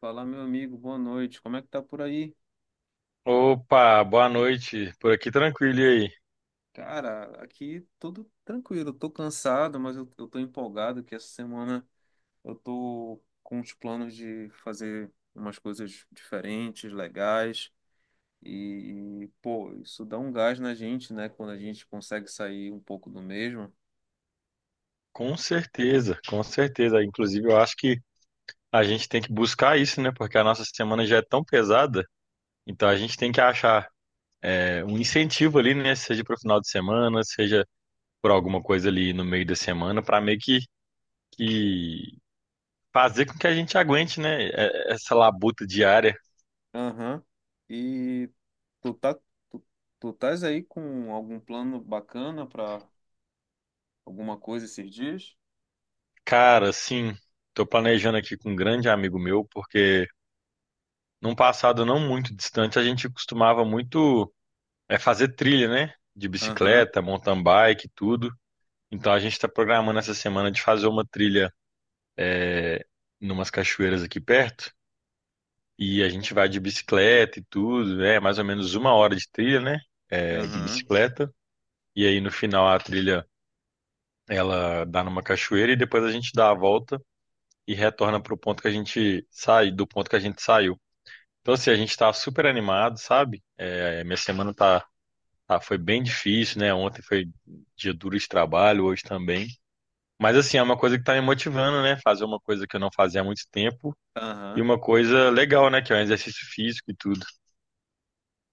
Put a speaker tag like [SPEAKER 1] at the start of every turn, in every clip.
[SPEAKER 1] Fala, meu amigo, boa noite. Como é que tá por aí?
[SPEAKER 2] Opa, boa noite. Por aqui tranquilo e aí?
[SPEAKER 1] Cara, aqui tudo tranquilo. Eu tô cansado, mas eu tô empolgado que essa semana eu tô com os planos de fazer umas coisas diferentes, legais. E, pô, isso dá um gás na gente, né? Quando a gente consegue sair um pouco do mesmo.
[SPEAKER 2] Com certeza, com certeza. Inclusive, eu acho que a gente tem que buscar isso, né? Porque a nossa semana já é tão pesada, então a gente tem que achar um incentivo ali, né? Seja para o final de semana, seja por alguma coisa ali no meio da semana, para meio que fazer com que a gente aguente, né? Essa labuta diária.
[SPEAKER 1] Aham. E tu tá, tu, tu estás aí com algum plano bacana pra alguma coisa esses dias?
[SPEAKER 2] Cara, assim, tô planejando aqui com um grande amigo meu, porque num passado não muito distante a gente costumava muito. É fazer trilha, né? De
[SPEAKER 1] Aham,
[SPEAKER 2] bicicleta, mountain bike, tudo. Então a gente está programando essa semana de fazer uma trilha é, numas cachoeiras aqui perto. E a gente vai de bicicleta e tudo. É mais ou menos uma hora de trilha, né? De
[SPEAKER 1] aham,
[SPEAKER 2] bicicleta. E aí no final a trilha ela dá numa cachoeira e depois a gente dá a volta e retorna pro ponto que a gente sai, do ponto que a gente saiu. Então assim, a gente tá super animado, sabe? Minha semana tá. Ah, foi bem difícil, né? Ontem foi dia duro de trabalho, hoje também. Mas assim, é uma coisa que tá me motivando, né? Fazer uma coisa que eu não fazia há muito tempo e
[SPEAKER 1] aham.
[SPEAKER 2] uma coisa legal, né? Que é um exercício físico e tudo.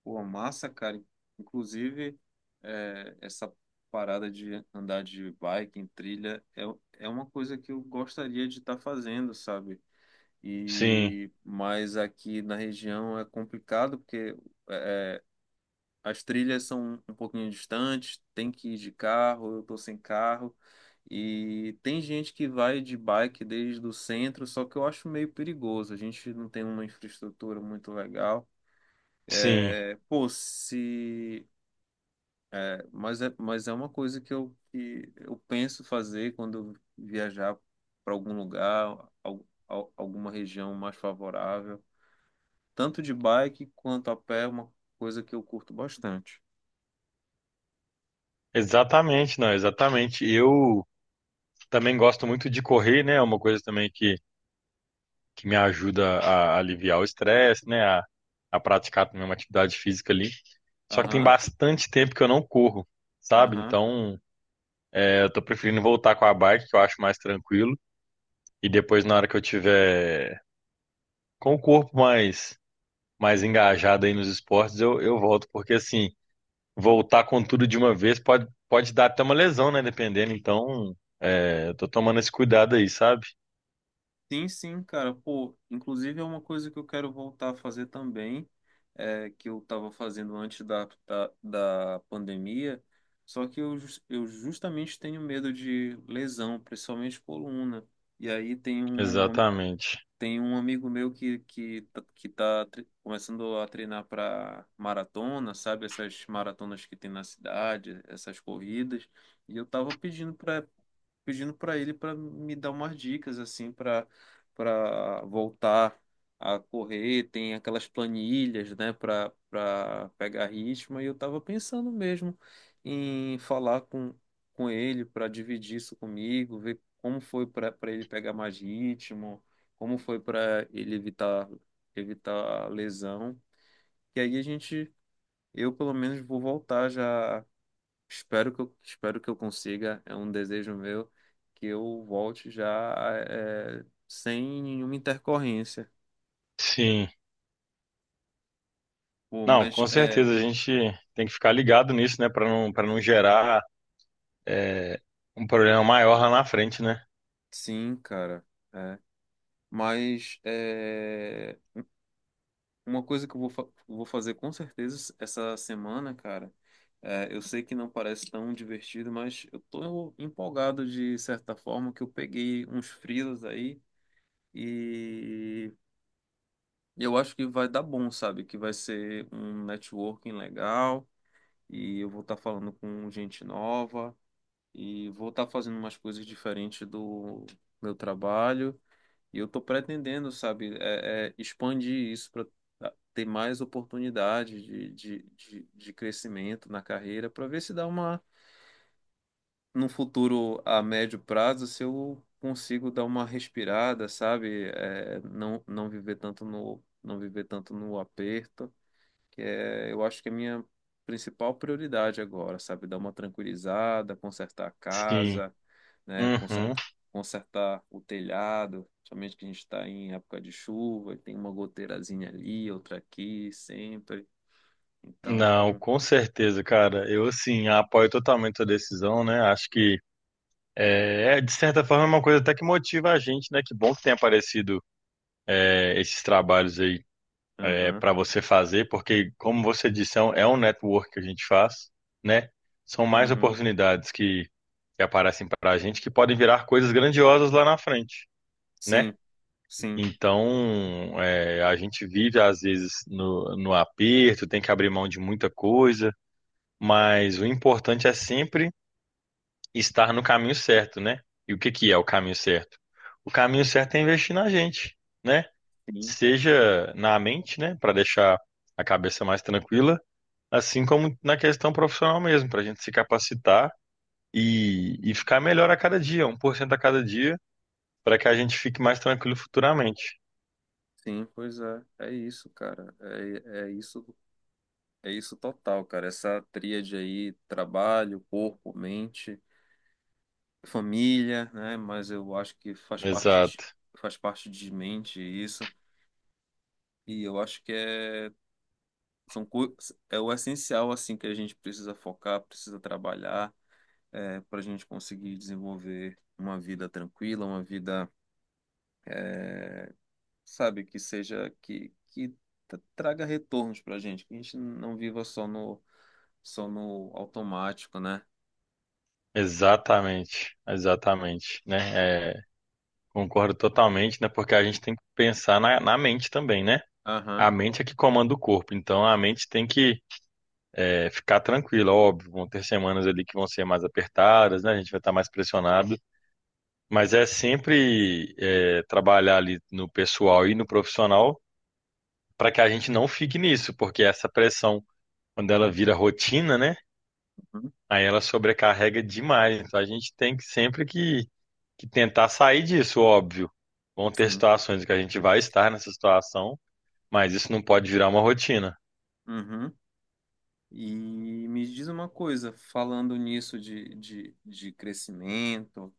[SPEAKER 1] Pô, massa, cara. Inclusive, essa parada de andar de bike em trilha é uma coisa que eu gostaria de estar fazendo, sabe?
[SPEAKER 2] Sim,
[SPEAKER 1] E mas aqui na região é complicado porque é, é, as trilhas são um pouquinho distantes, tem que ir de carro, eu tô sem carro. E tem gente que vai de bike desde o centro, só que eu acho meio perigoso. A gente não tem uma infraestrutura muito legal.
[SPEAKER 2] sim,
[SPEAKER 1] É, pô, se mas é uma coisa que eu penso fazer quando eu viajar para algum lugar, alguma região mais favorável. Tanto de bike quanto a pé é uma coisa que eu curto bastante.
[SPEAKER 2] exatamente, não, exatamente. Eu também gosto muito de correr, né? É uma coisa também que me ajuda a aliviar o estresse, né? A praticar também uma atividade física ali. Só que tem
[SPEAKER 1] Aham,
[SPEAKER 2] bastante tempo que eu não corro, sabe?
[SPEAKER 1] aham.
[SPEAKER 2] Então, eu tô preferindo voltar com a bike, que eu acho mais tranquilo. E depois, na hora que eu tiver com o corpo mais engajado aí nos esportes, eu volto. Porque, assim, voltar com tudo de uma vez pode dar até uma lesão, né? Dependendo. Então, eu tô tomando esse cuidado aí, sabe?
[SPEAKER 1] Sim, sim, cara. Pô, inclusive é uma coisa que eu quero voltar a fazer também, que eu estava fazendo antes da pandemia. Só que eu justamente tenho medo de lesão, principalmente coluna. E aí tem um
[SPEAKER 2] Exatamente.
[SPEAKER 1] Tem um amigo meu que tá começando a treinar para maratona, sabe? Essas maratonas que tem na cidade, essas corridas. E eu tava pedindo para ele para me dar umas dicas assim para voltar a correr, tem aquelas planilhas, né, para pegar ritmo e eu estava pensando mesmo em falar com ele para dividir isso comigo, ver como foi para ele pegar mais ritmo, como foi para ele evitar a lesão. E aí a gente, eu pelo menos vou voltar já. Espero que eu consiga, é um desejo meu que eu volte já, sem nenhuma intercorrência.
[SPEAKER 2] Sim.
[SPEAKER 1] Pô,
[SPEAKER 2] Não,
[SPEAKER 1] mas
[SPEAKER 2] com
[SPEAKER 1] é,
[SPEAKER 2] certeza a gente tem que ficar ligado nisso, né? Pra não, para não gerar é, um problema maior lá na frente, né?
[SPEAKER 1] sim, cara, é. Mas é uma coisa que eu vou fazer com certeza essa semana, cara, eu sei que não parece tão divertido, mas eu tô empolgado de certa forma que eu peguei uns freelas aí e eu acho que vai dar bom, sabe? Que vai ser um networking legal. E eu vou estar falando com gente nova e vou estar fazendo umas coisas diferentes do meu trabalho. E eu estou pretendendo, sabe, expandir isso para ter mais oportunidade de crescimento na carreira, para ver se dá uma, num futuro a médio prazo, se eu consigo dar uma respirada, sabe, não, não viver tanto no aperto, que eu acho que é a minha principal prioridade agora, sabe? Dar uma tranquilizada, consertar a
[SPEAKER 2] Sim.
[SPEAKER 1] casa, né?
[SPEAKER 2] Uhum.
[SPEAKER 1] Consertar o telhado, somente que a gente está em época de chuva, e tem uma goteirazinha ali, outra aqui, sempre.
[SPEAKER 2] Não,
[SPEAKER 1] Então,
[SPEAKER 2] com certeza, cara. Eu, assim, apoio totalmente a decisão, né? Acho que é, de certa forma, é uma coisa até que motiva a gente, né? Que bom que tem aparecido esses trabalhos aí
[SPEAKER 1] aham,
[SPEAKER 2] para você fazer, porque, como você disse, é um network que a gente faz, né? São mais
[SPEAKER 1] uhum,
[SPEAKER 2] oportunidades que aparecem para a gente que podem virar coisas grandiosas lá na frente, né?
[SPEAKER 1] sim, sim,
[SPEAKER 2] Então, a gente vive, às vezes, no, no aperto, tem que abrir mão de muita coisa, mas o importante é sempre estar no caminho certo, né? E o que que é o caminho certo? O caminho certo é investir na gente, né?
[SPEAKER 1] sim,
[SPEAKER 2] Seja na mente, né, para deixar a cabeça mais tranquila, assim como na questão profissional mesmo, para a gente se capacitar e ficar melhor a cada dia, um por cento a cada dia, para que a gente fique mais tranquilo futuramente.
[SPEAKER 1] sim, pois é, é isso, cara, é isso, é isso total, cara, essa tríade aí, trabalho, corpo, mente, família, né? Mas eu acho que
[SPEAKER 2] Exato,
[SPEAKER 1] faz parte de mente isso. E eu acho que é, são, co- é o essencial assim que a gente precisa focar, precisa trabalhar, para a gente conseguir desenvolver uma vida tranquila, uma vida, é, sabe, que traga retornos para a gente, que a gente não viva só no automático, né?
[SPEAKER 2] exatamente, exatamente, né? É, concordo totalmente, né? Porque a gente tem que pensar na, na mente também, né?
[SPEAKER 1] Aham.
[SPEAKER 2] A mente é que comanda o corpo, então a mente tem que ficar tranquila, óbvio. Vão ter semanas ali que vão ser mais apertadas, né? A gente vai estar mais pressionado, mas é sempre trabalhar ali no pessoal e no profissional para que a gente não fique nisso, porque essa pressão, quando ela vira rotina, né?
[SPEAKER 1] Uhum.
[SPEAKER 2] Aí ela sobrecarrega demais. Então a gente tem que sempre que tentar sair disso, óbvio. Vão ter
[SPEAKER 1] Sim.
[SPEAKER 2] situações que a gente vai estar nessa situação, mas isso não pode virar uma rotina.
[SPEAKER 1] Uhum. E me diz uma coisa, falando nisso de crescimento,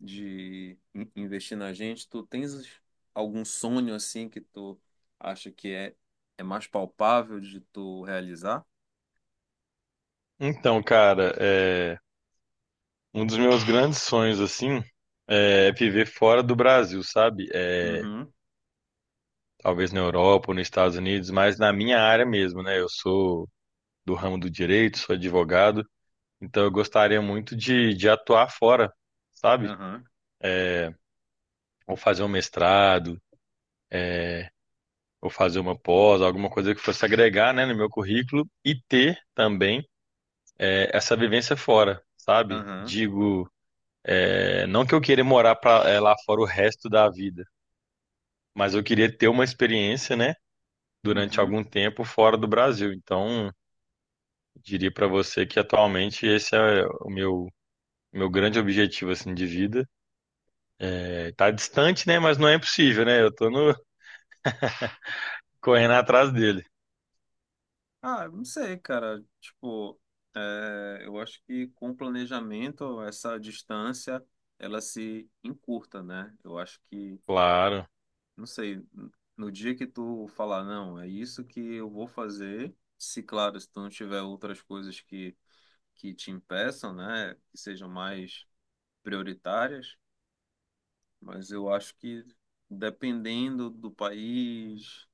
[SPEAKER 1] de investir na gente, tu tens algum sonho assim que tu acha que é mais palpável de tu realizar?
[SPEAKER 2] Então, cara, Um dos meus grandes sonhos, assim, é viver fora do Brasil, sabe?
[SPEAKER 1] Uhum,
[SPEAKER 2] Talvez na Europa ou nos Estados Unidos, mas na minha área mesmo, né? Eu sou do ramo do direito, sou advogado, então eu gostaria muito de atuar fora, sabe?
[SPEAKER 1] aham,
[SPEAKER 2] Ou fazer um mestrado, ou fazer uma pós, alguma coisa que fosse agregar, né, no meu currículo e ter também essa vivência fora. Sabe?
[SPEAKER 1] aham,
[SPEAKER 2] Digo, é, não que eu queira morar pra, lá fora o resto da vida, mas eu queria ter uma experiência, né? durante
[SPEAKER 1] uhum.
[SPEAKER 2] algum tempo fora do Brasil. Então, diria para você que atualmente esse é o meu grande objetivo assim de vida. É, tá distante, né, mas não é impossível, né? Eu tô correndo atrás dele.
[SPEAKER 1] Ah, eu não sei, cara. Tipo, eu acho que com o planejamento, essa distância, ela se encurta, né? Eu acho que
[SPEAKER 2] Claro.
[SPEAKER 1] não sei, no dia que tu falar, não, é isso que eu vou fazer, se claro, se tu não tiver outras coisas que te impeçam, né, que sejam mais prioritárias, mas eu acho que dependendo do país,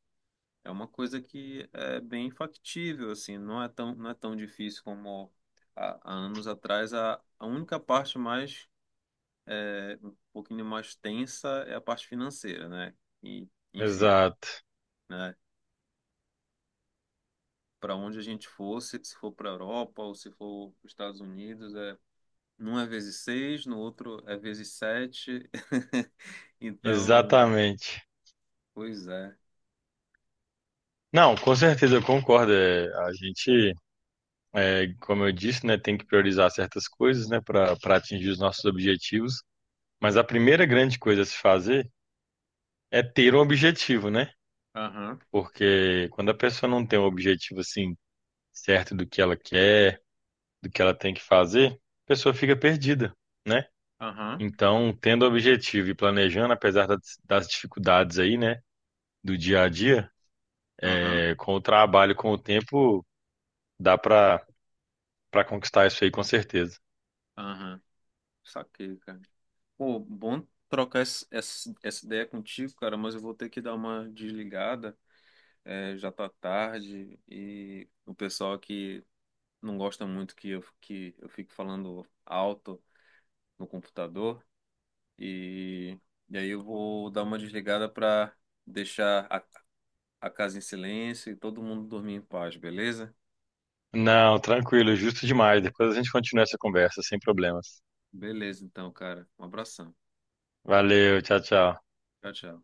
[SPEAKER 1] é uma coisa que é bem factível, assim, não é tão difícil como há anos atrás. A única parte mais, um pouquinho mais tensa, é a parte financeira, né, e enfim,
[SPEAKER 2] Exato.
[SPEAKER 1] né? Para onde a gente fosse, se for para a Europa ou se for para os Estados Unidos, num é vezes seis, no outro é vezes sete. Então,
[SPEAKER 2] Exatamente.
[SPEAKER 1] pois é.
[SPEAKER 2] Não, com certeza eu concordo. É, a gente, como eu disse, né, tem que priorizar certas coisas, né, para atingir os nossos objetivos. Mas a primeira grande coisa a se fazer é ter um objetivo, né?
[SPEAKER 1] Aham,
[SPEAKER 2] Porque quando a pessoa não tem um objetivo assim certo do que ela quer, do que ela tem que fazer, a pessoa fica perdida, né?
[SPEAKER 1] aham,
[SPEAKER 2] Então, tendo objetivo e planejando, apesar das dificuldades aí, né, do dia a dia,
[SPEAKER 1] aham,
[SPEAKER 2] com o trabalho, com o tempo, dá para conquistar isso aí com certeza.
[SPEAKER 1] aham. Saquei, cara. Pô, bom trocar essa ideia contigo, cara, mas eu vou ter que dar uma desligada. É, já tá tarde e o pessoal aqui não gosta muito que eu fico falando alto no computador. E, e aí eu vou dar uma desligada para deixar a casa em silêncio e todo mundo dormir em paz, beleza?
[SPEAKER 2] Não, tranquilo, justo demais. Depois a gente continua essa conversa sem problemas.
[SPEAKER 1] Beleza, então, cara. Um abração.
[SPEAKER 2] Valeu, tchau, tchau.
[SPEAKER 1] Tchau, tchau.